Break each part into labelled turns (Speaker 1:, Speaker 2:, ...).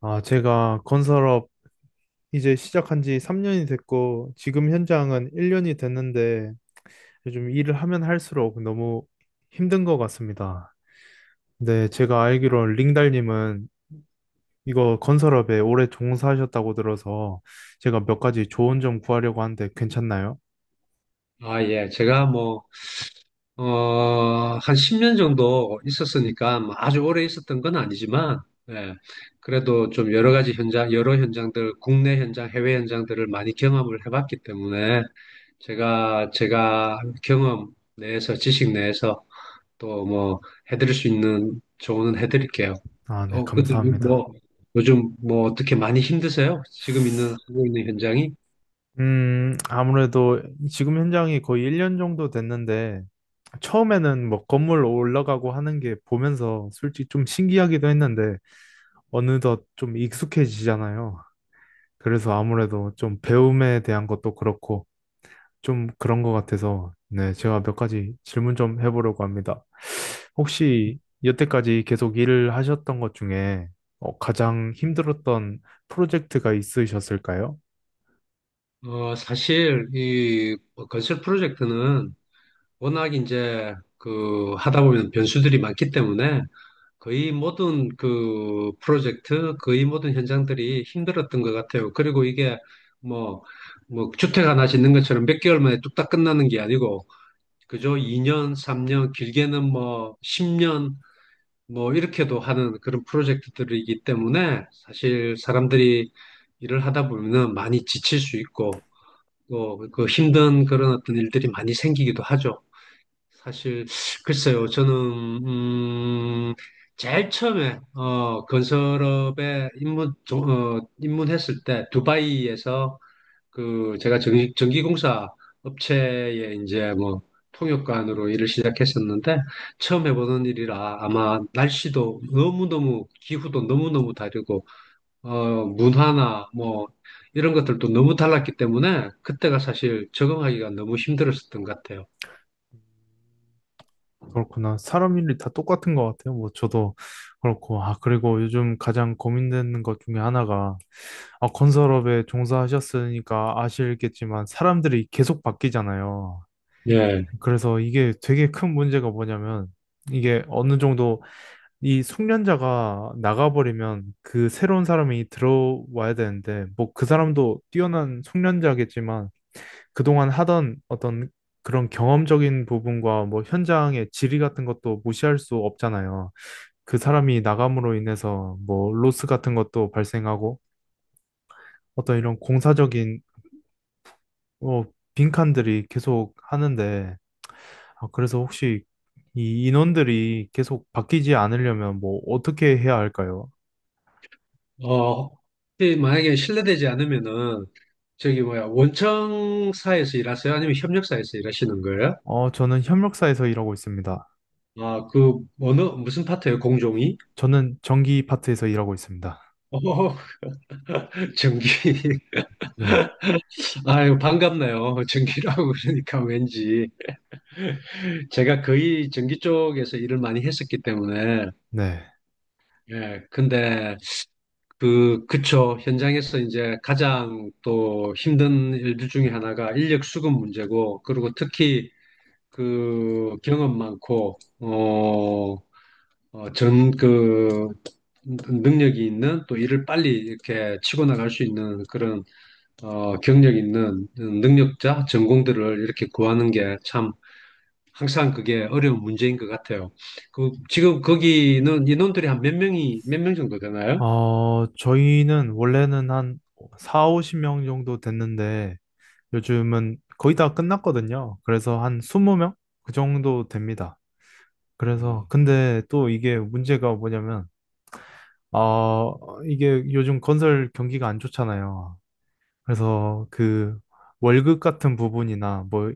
Speaker 1: 아, 제가 건설업 이제 시작한 지 3년이 됐고, 지금 현장은 1년이 됐는데, 요즘 일을 하면 할수록 너무 힘든 것 같습니다. 근데 제가 알기로 링달님은 이거 건설업에 오래 종사하셨다고 들어서 제가 몇 가지 조언 좀 구하려고 하는데 괜찮나요?
Speaker 2: 아, 예. 제가 뭐, 어, 한 10년 정도 있었으니까 뭐 아주 오래 있었던 건 아니지만, 예. 그래도 좀 여러 가지 현장, 여러 현장들, 국내 현장, 해외 현장들을 많이 경험을 해봤기 때문에 제가 경험 내에서, 지식 내에서 또 뭐 해드릴 수 있는 조언은 해드릴게요.
Speaker 1: 아, 네,
Speaker 2: 근데
Speaker 1: 감사합니다.
Speaker 2: 뭐, 요즘 뭐 어떻게 많이 힘드세요? 하고 있는 현장이?
Speaker 1: 아무래도 지금 현장이 거의 1년 정도 됐는데, 처음에는 뭐 건물 올라가고 하는 게 보면서 솔직히 좀 신기하기도 했는데, 어느덧 좀 익숙해지잖아요. 그래서 아무래도 좀 배움에 대한 것도 그렇고 좀 그런 것 같아서 네, 제가 몇 가지 질문 좀 해보려고 합니다. 혹시 여태까지 계속 일을 하셨던 것 중에 가장 힘들었던 프로젝트가 있으셨을까요?
Speaker 2: 사실 이 건설 프로젝트는 워낙 이제 그 하다 보면 변수들이 많기 때문에 거의 모든 현장들이 힘들었던 것 같아요. 그리고 이게 뭐, 뭐 주택 하나 짓는 것처럼 몇 개월 만에 뚝딱 끝나는 게 아니고 그저 2년, 3년, 길게는 뭐 10년 뭐 이렇게도 하는 그런 프로젝트들이기 때문에 사실 사람들이 일을 하다 보면은 많이 지칠 수 있고 그 힘든 그런 어떤 일들이 많이 생기기도 하죠. 사실, 글쎄요, 저는, 음, 제일 처음에, 건설업에 입문했을 때, 두바이에서 그, 제가 전기공사 업체에 이제 뭐, 통역관으로 일을 시작했었는데, 처음 해보는 일이라 아마 날씨도 너무너무, 기후도 너무너무 다르고, 문화나 뭐 이런 것들도 너무 달랐기 때문에 그때가 사실 적응하기가 너무 힘들었었던 것 같아요.
Speaker 1: 그렇구나. 사람 일이 다 똑같은 것 같아요. 뭐 저도 그렇고. 아, 그리고 요즘 가장 고민되는 것 중에 하나가 아, 건설업에 종사하셨으니까 아시겠지만 사람들이 계속 바뀌잖아요.
Speaker 2: 예.
Speaker 1: 그래서 이게 되게 큰 문제가 뭐냐면 이게 어느 정도 이 숙련자가 나가버리면 그 새로운 사람이 들어와야 되는데 뭐 그 사람도 뛰어난 숙련자겠지만 그동안 하던 어떤 그런 경험적인 부분과 뭐 현장의 질이 같은 것도 무시할 수 없잖아요. 그 사람이 나감으로 인해서 뭐 로스 같은 것도 발생하고 어떤 이런 공사적인 어 빈칸들이 계속 하는데 아, 그래서 혹시 이 인원들이 계속 바뀌지 않으려면 뭐 어떻게 해야 할까요?
Speaker 2: 어, 혹시 만약에 실례되지 않으면은 저기 뭐야 원청사에서 일하세요? 아니면 협력사에서 일하시는 거예요?
Speaker 1: 저는 협력사에서 일하고 있습니다.
Speaker 2: 아, 그 어느 무슨 파트예요? 공종이?
Speaker 1: 저는 전기 파트에서 일하고 있습니다.
Speaker 2: 어, 전기.
Speaker 1: 네,
Speaker 2: 아유, 반갑네요. 전기라고 그러니까 왠지. 제가 거의 전기 쪽에서 일을 많이 했었기 때문에.
Speaker 1: 네.
Speaker 2: 예, 근데 그, 그쵸. 현장에서 이제 가장 또 힘든 일들 중에 하나가 인력 수급 문제고, 그리고 특히 그 경험 많고, 전 그, 능력이 있는 또 일을 빨리 이렇게 치고 나갈 수 있는 그런, 경력 있는 능력자, 전공들을 이렇게 구하는 게 참, 항상 그게 어려운 문제인 것 같아요. 그, 지금 거기는 인원들이 몇 명 정도 되나요?
Speaker 1: 저희는 원래는 한 4, 50명 정도 됐는데 요즘은 거의 다 끝났거든요. 그래서 한 20명? 그 정도 됩니다. 그래서 근데 또 이게 문제가 뭐냐면 아, 이게 요즘 건설 경기가 안 좋잖아요. 그래서 그 월급 같은 부분이나 뭐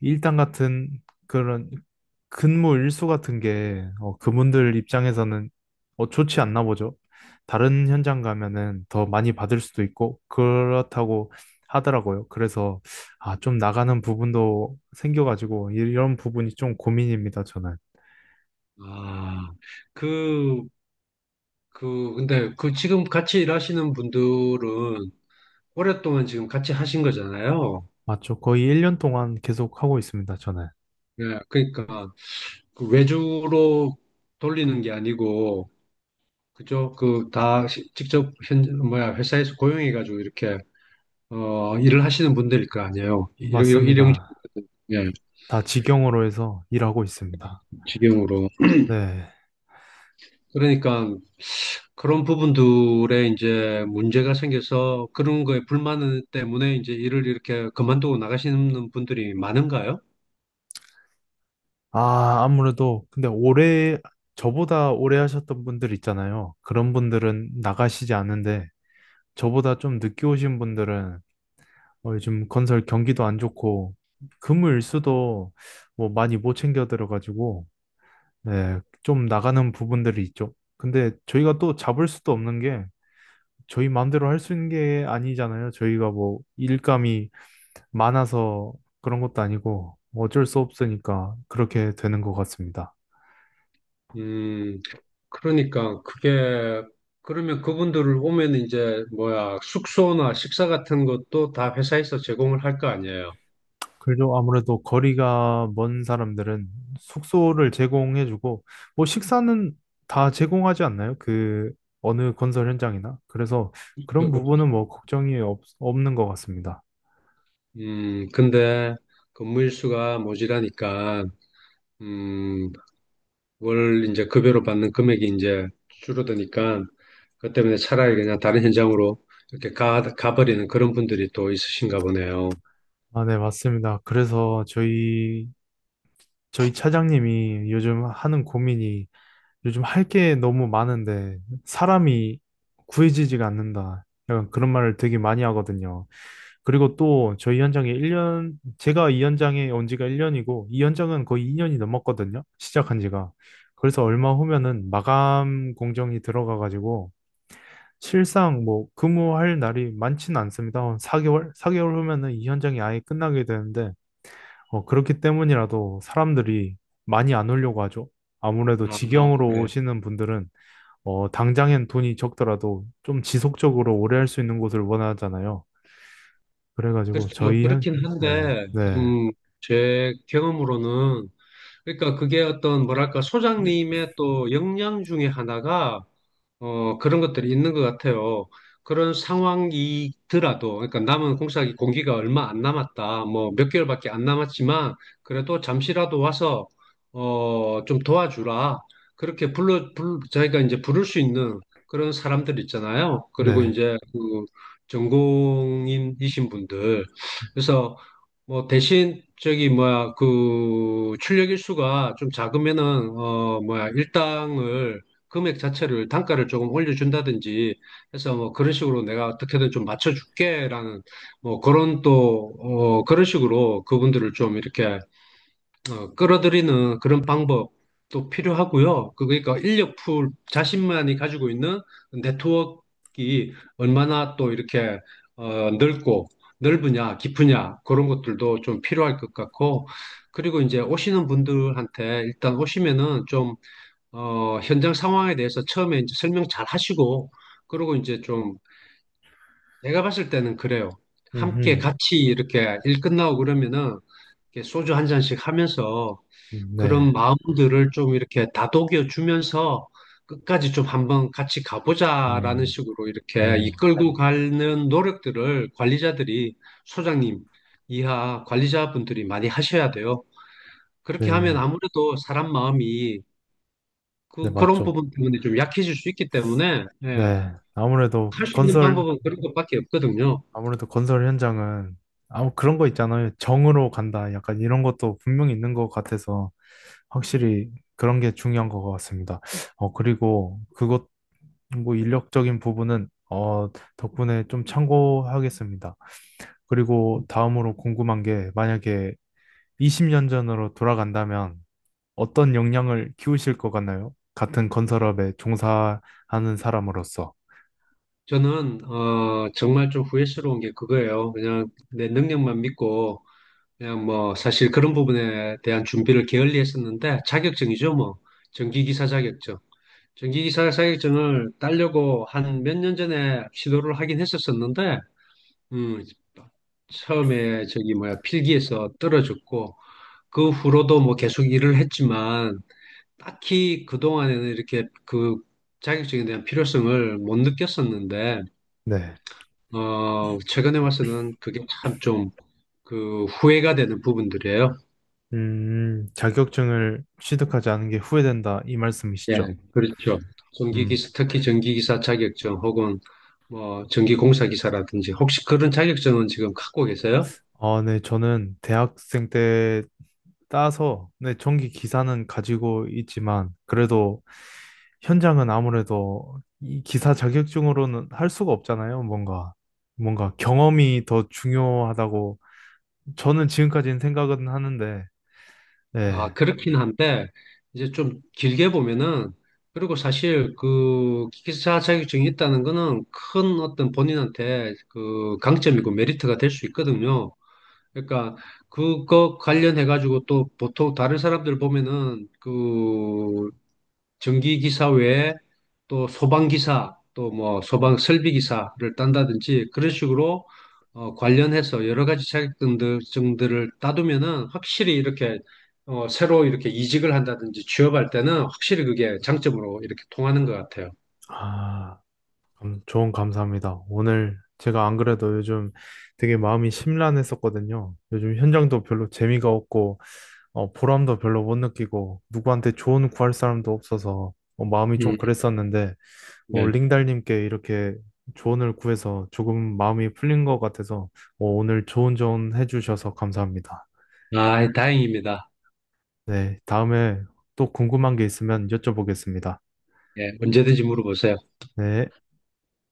Speaker 1: 일당 같은 그런 근무 일수 같은 게 그분들 입장에서는 좋지 않나 보죠. 다른 현장 가면은 더 많이 받을 수도 있고 그렇다고 하더라고요. 그래서 아, 좀 나가는 부분도 생겨가지고 이런 부분이 좀 고민입니다, 저는.
Speaker 2: 아, 그, 근데 그 지금 같이 일하시는 분들은 오랫동안 지금 같이 하신 거잖아요.
Speaker 1: 맞죠. 거의 1년 동안 계속 하고 있습니다, 저는.
Speaker 2: 네, 그러니까 그 외주로 돌리는 게 아니고, 그죠? 그 다 직접 회사에서 고용해가지고 이렇게, 일을 하시는 분들일 거 아니에요. 일용,
Speaker 1: 맞습니다.
Speaker 2: 예,
Speaker 1: 다 직영으로 해서 일하고 있습니다.
Speaker 2: 직영으로.
Speaker 1: 네.
Speaker 2: 그러니까 그런 부분들에 이제 문제가 생겨서 그런 거에 불만 때문에 이제 일을 이렇게 그만두고 나가시는 분들이 많은가요?
Speaker 1: 아, 아무래도, 근데 올해, 저보다 오래 하셨던 분들 있잖아요. 그런 분들은 나가시지 않는데, 저보다 좀 늦게 오신 분들은 요즘 건설 경기도 안 좋고, 금을수도 뭐 많이 못 챙겨 들어가지고, 네, 좀 나가는 부분들이 있죠. 근데 저희가 또 잡을 수도 없는 게, 저희 마음대로 할 수 있는 게 아니잖아요. 저희가 뭐 일감이 많아서 그런 것도 아니고, 어쩔 수 없으니까 그렇게 되는 것 같습니다.
Speaker 2: 음, 그러니까 그게 그러면 그분들을 오면 이제 뭐야 숙소나 식사 같은 것도 다 회사에서 제공을 할 거 아니에요.
Speaker 1: 그래도 아무래도 거리가 먼 사람들은 숙소를 제공해주고, 뭐 식사는 다 제공하지 않나요? 그 어느 건설 현장이나. 그래서 그런
Speaker 2: 그- 그-
Speaker 1: 부분은 뭐 걱정이 없는 것 같습니다.
Speaker 2: 근데 근무 일수가 모자라니까 음, 월 이제 급여로 받는 금액이 이제 줄어드니까 그것 때문에 차라리 그냥 다른 현장으로 이렇게 가버리는 그런 분들이 또 있으신가 보네요.
Speaker 1: 아, 네, 맞습니다. 그래서 저희 차장님이 요즘 하는 고민이 요즘 할 게 너무 많은데 사람이 구해지지가 않는다. 약간 그런 말을 되게 많이 하거든요. 그리고 또 저희 현장에 1년, 제가 이 현장에 온 지가 1년이고, 이 현장은 거의 2년이 넘었거든요. 시작한 지가. 그래서 얼마 후면은 마감 공정이 들어가가지고, 실상 뭐 근무할 날이 많지는 않습니다. 한 4개월? 4개월 후면은 이 현장이 아예 끝나게 되는데, 그렇기 때문이라도 사람들이 많이 안 오려고 하죠. 아무래도
Speaker 2: 아,
Speaker 1: 직영으로
Speaker 2: 네.
Speaker 1: 오시는 분들은, 당장엔 돈이 적더라도 좀 지속적으로 오래 할 수 있는 곳을 원하잖아요. 그래가지고
Speaker 2: 그렇죠.
Speaker 1: 저희 현,
Speaker 2: 그렇긴
Speaker 1: 네,
Speaker 2: 한데,
Speaker 1: 네,
Speaker 2: 음, 제 경험으로는, 그러니까 그게 어떤, 뭐랄까, 소장님의 또 역량 중에 하나가 그런 것들이 있는 것 같아요. 그런 상황이더라도, 그러니까 남은 공사기 공기가 얼마 안 남았다, 뭐 몇 개월밖에 안 남았지만, 그래도 잠시라도 와서, 좀 도와주라. 그렇게 자기가 이제 부를 수 있는 그런 사람들 있잖아요. 그리고
Speaker 1: 네,
Speaker 2: 이제 그 전공인이신 분들. 그래서 뭐 대신 저기 뭐야, 그 출력 일수가 좀 작으면은, 일당을 금액 자체를 단가를 조금 올려준다든지 해서 뭐 그런 식으로 내가 어떻게든 좀 맞춰줄게라는 뭐 그런 또 그런 식으로 그분들을 좀 이렇게 끌어들이는 그런 방법도 필요하고요. 그러니까 인력풀 자신만이 가지고 있는 네트워크가 얼마나 또 이렇게 넓고 넓으냐 깊으냐 그런 것들도 좀 필요할 것 같고 그리고 이제 오시는 분들한테 일단 오시면은 좀 현장 상황에 대해서 처음에 이제 설명 잘 하시고, 그러고 이제 좀, 제가 봤을 때는 그래요. 함께
Speaker 1: 음,
Speaker 2: 같이 이렇게 일 끝나고 그러면은, 이렇게 소주 한 잔씩 하면서, 그런
Speaker 1: 네,
Speaker 2: 마음들을 좀 이렇게 다독여 주면서, 끝까지 좀 한번 같이 가보자라는
Speaker 1: 음,
Speaker 2: 식으로 이렇게
Speaker 1: 네,
Speaker 2: 이끌고 가는 노력들을 소장님 이하 관리자분들이 많이 하셔야 돼요. 그렇게 하면
Speaker 1: 네,
Speaker 2: 아무래도 사람 마음이
Speaker 1: 네,
Speaker 2: 그런
Speaker 1: 맞죠.
Speaker 2: 부분 때문에 좀 약해질 수 있기 때문에, 예,
Speaker 1: 네, 아무래도
Speaker 2: 할 수 있는
Speaker 1: 건설,
Speaker 2: 방법은 그런 것밖에 없거든요.
Speaker 1: 아무래도 건설 현장은 아무 그런 거 있잖아요. 정으로 간다. 약간 이런 것도 분명히 있는 것 같아서 확실히 그런 게 중요한 것 같습니다. 그리고 그것, 뭐 인력적인 부분은 덕분에 좀 참고하겠습니다. 그리고 다음으로 궁금한 게 만약에 20년 전으로 돌아간다면 어떤 역량을 키우실 것 같나요? 같은 건설업에 종사하는 사람으로서.
Speaker 2: 저는, 정말 좀 후회스러운 게 그거예요. 그냥 내 능력만 믿고, 그냥 뭐, 사실 그런 부분에 대한 준비를 게을리 했었는데, 자격증이죠, 뭐. 전기기사 자격증. 전기기사 자격증을 따려고 한 몇 년 전에 시도를 하긴 했었었는데, 음, 처음에 저기 뭐야, 필기에서 떨어졌고, 그 후로도 뭐 계속 일을 했지만, 딱히 그동안에는 이렇게 그 자격증에 대한 필요성을 못 느꼈었는데,
Speaker 1: 네.
Speaker 2: 최근에 와서는 그게 참 좀 그 후회가 되는 부분들이에요.
Speaker 1: 자격증을 취득하지 않은 게 후회된다, 이
Speaker 2: 예,
Speaker 1: 말씀이시죠?
Speaker 2: 그렇죠.
Speaker 1: 음.
Speaker 2: 특히 전기기사 자격증 혹은 뭐 전기공사기사라든지 혹시 그런 자격증은 지금 갖고 계세요?
Speaker 1: 아, 네. 저는 대학생 때 따서, 네. 전기 기사는 가지고 있지만, 그래도 현장은 아무래도 이 기사 자격증으로는 할 수가 없잖아요. 뭔가 경험이 더 중요하다고 저는 지금까지는 생각은 하는데,
Speaker 2: 아,
Speaker 1: 네.
Speaker 2: 그렇긴 한데, 이제 좀 길게 보면은, 그리고 사실 그 기사 자격증이 있다는 거는 큰 어떤 본인한테 그 강점이고 메리트가 될 수 있거든요. 그러니까 그거 관련해가지고 또 보통 다른 사람들 보면은 그 전기기사 외에 또 소방기사, 또 뭐 소방 설비기사를 딴다든지 그런 식으로 관련해서 여러 가지 증들을 따두면은 확실히 이렇게 새로 이렇게 이직을 한다든지 취업할 때는 확실히 그게 장점으로 이렇게 통하는 것 같아요.
Speaker 1: 아. 조언 감사합니다. 오늘 제가 안 그래도 요즘 되게 마음이 심란했었거든요. 요즘 현장도 별로 재미가 없고, 보람도 별로 못 느끼고, 누구한테 조언 구할 사람도 없어서, 마음이 좀
Speaker 2: 음,
Speaker 1: 그랬었는데,
Speaker 2: 네.
Speaker 1: 링달님께 이렇게 조언을 구해서 조금 마음이 풀린 것 같아서, 오늘 좋은 조언 해주셔서 감사합니다.
Speaker 2: 아, 다행입니다.
Speaker 1: 네, 다음에 또 궁금한 게 있으면 여쭤보겠습니다.
Speaker 2: 예, 언제든지 물어보세요.
Speaker 1: 네.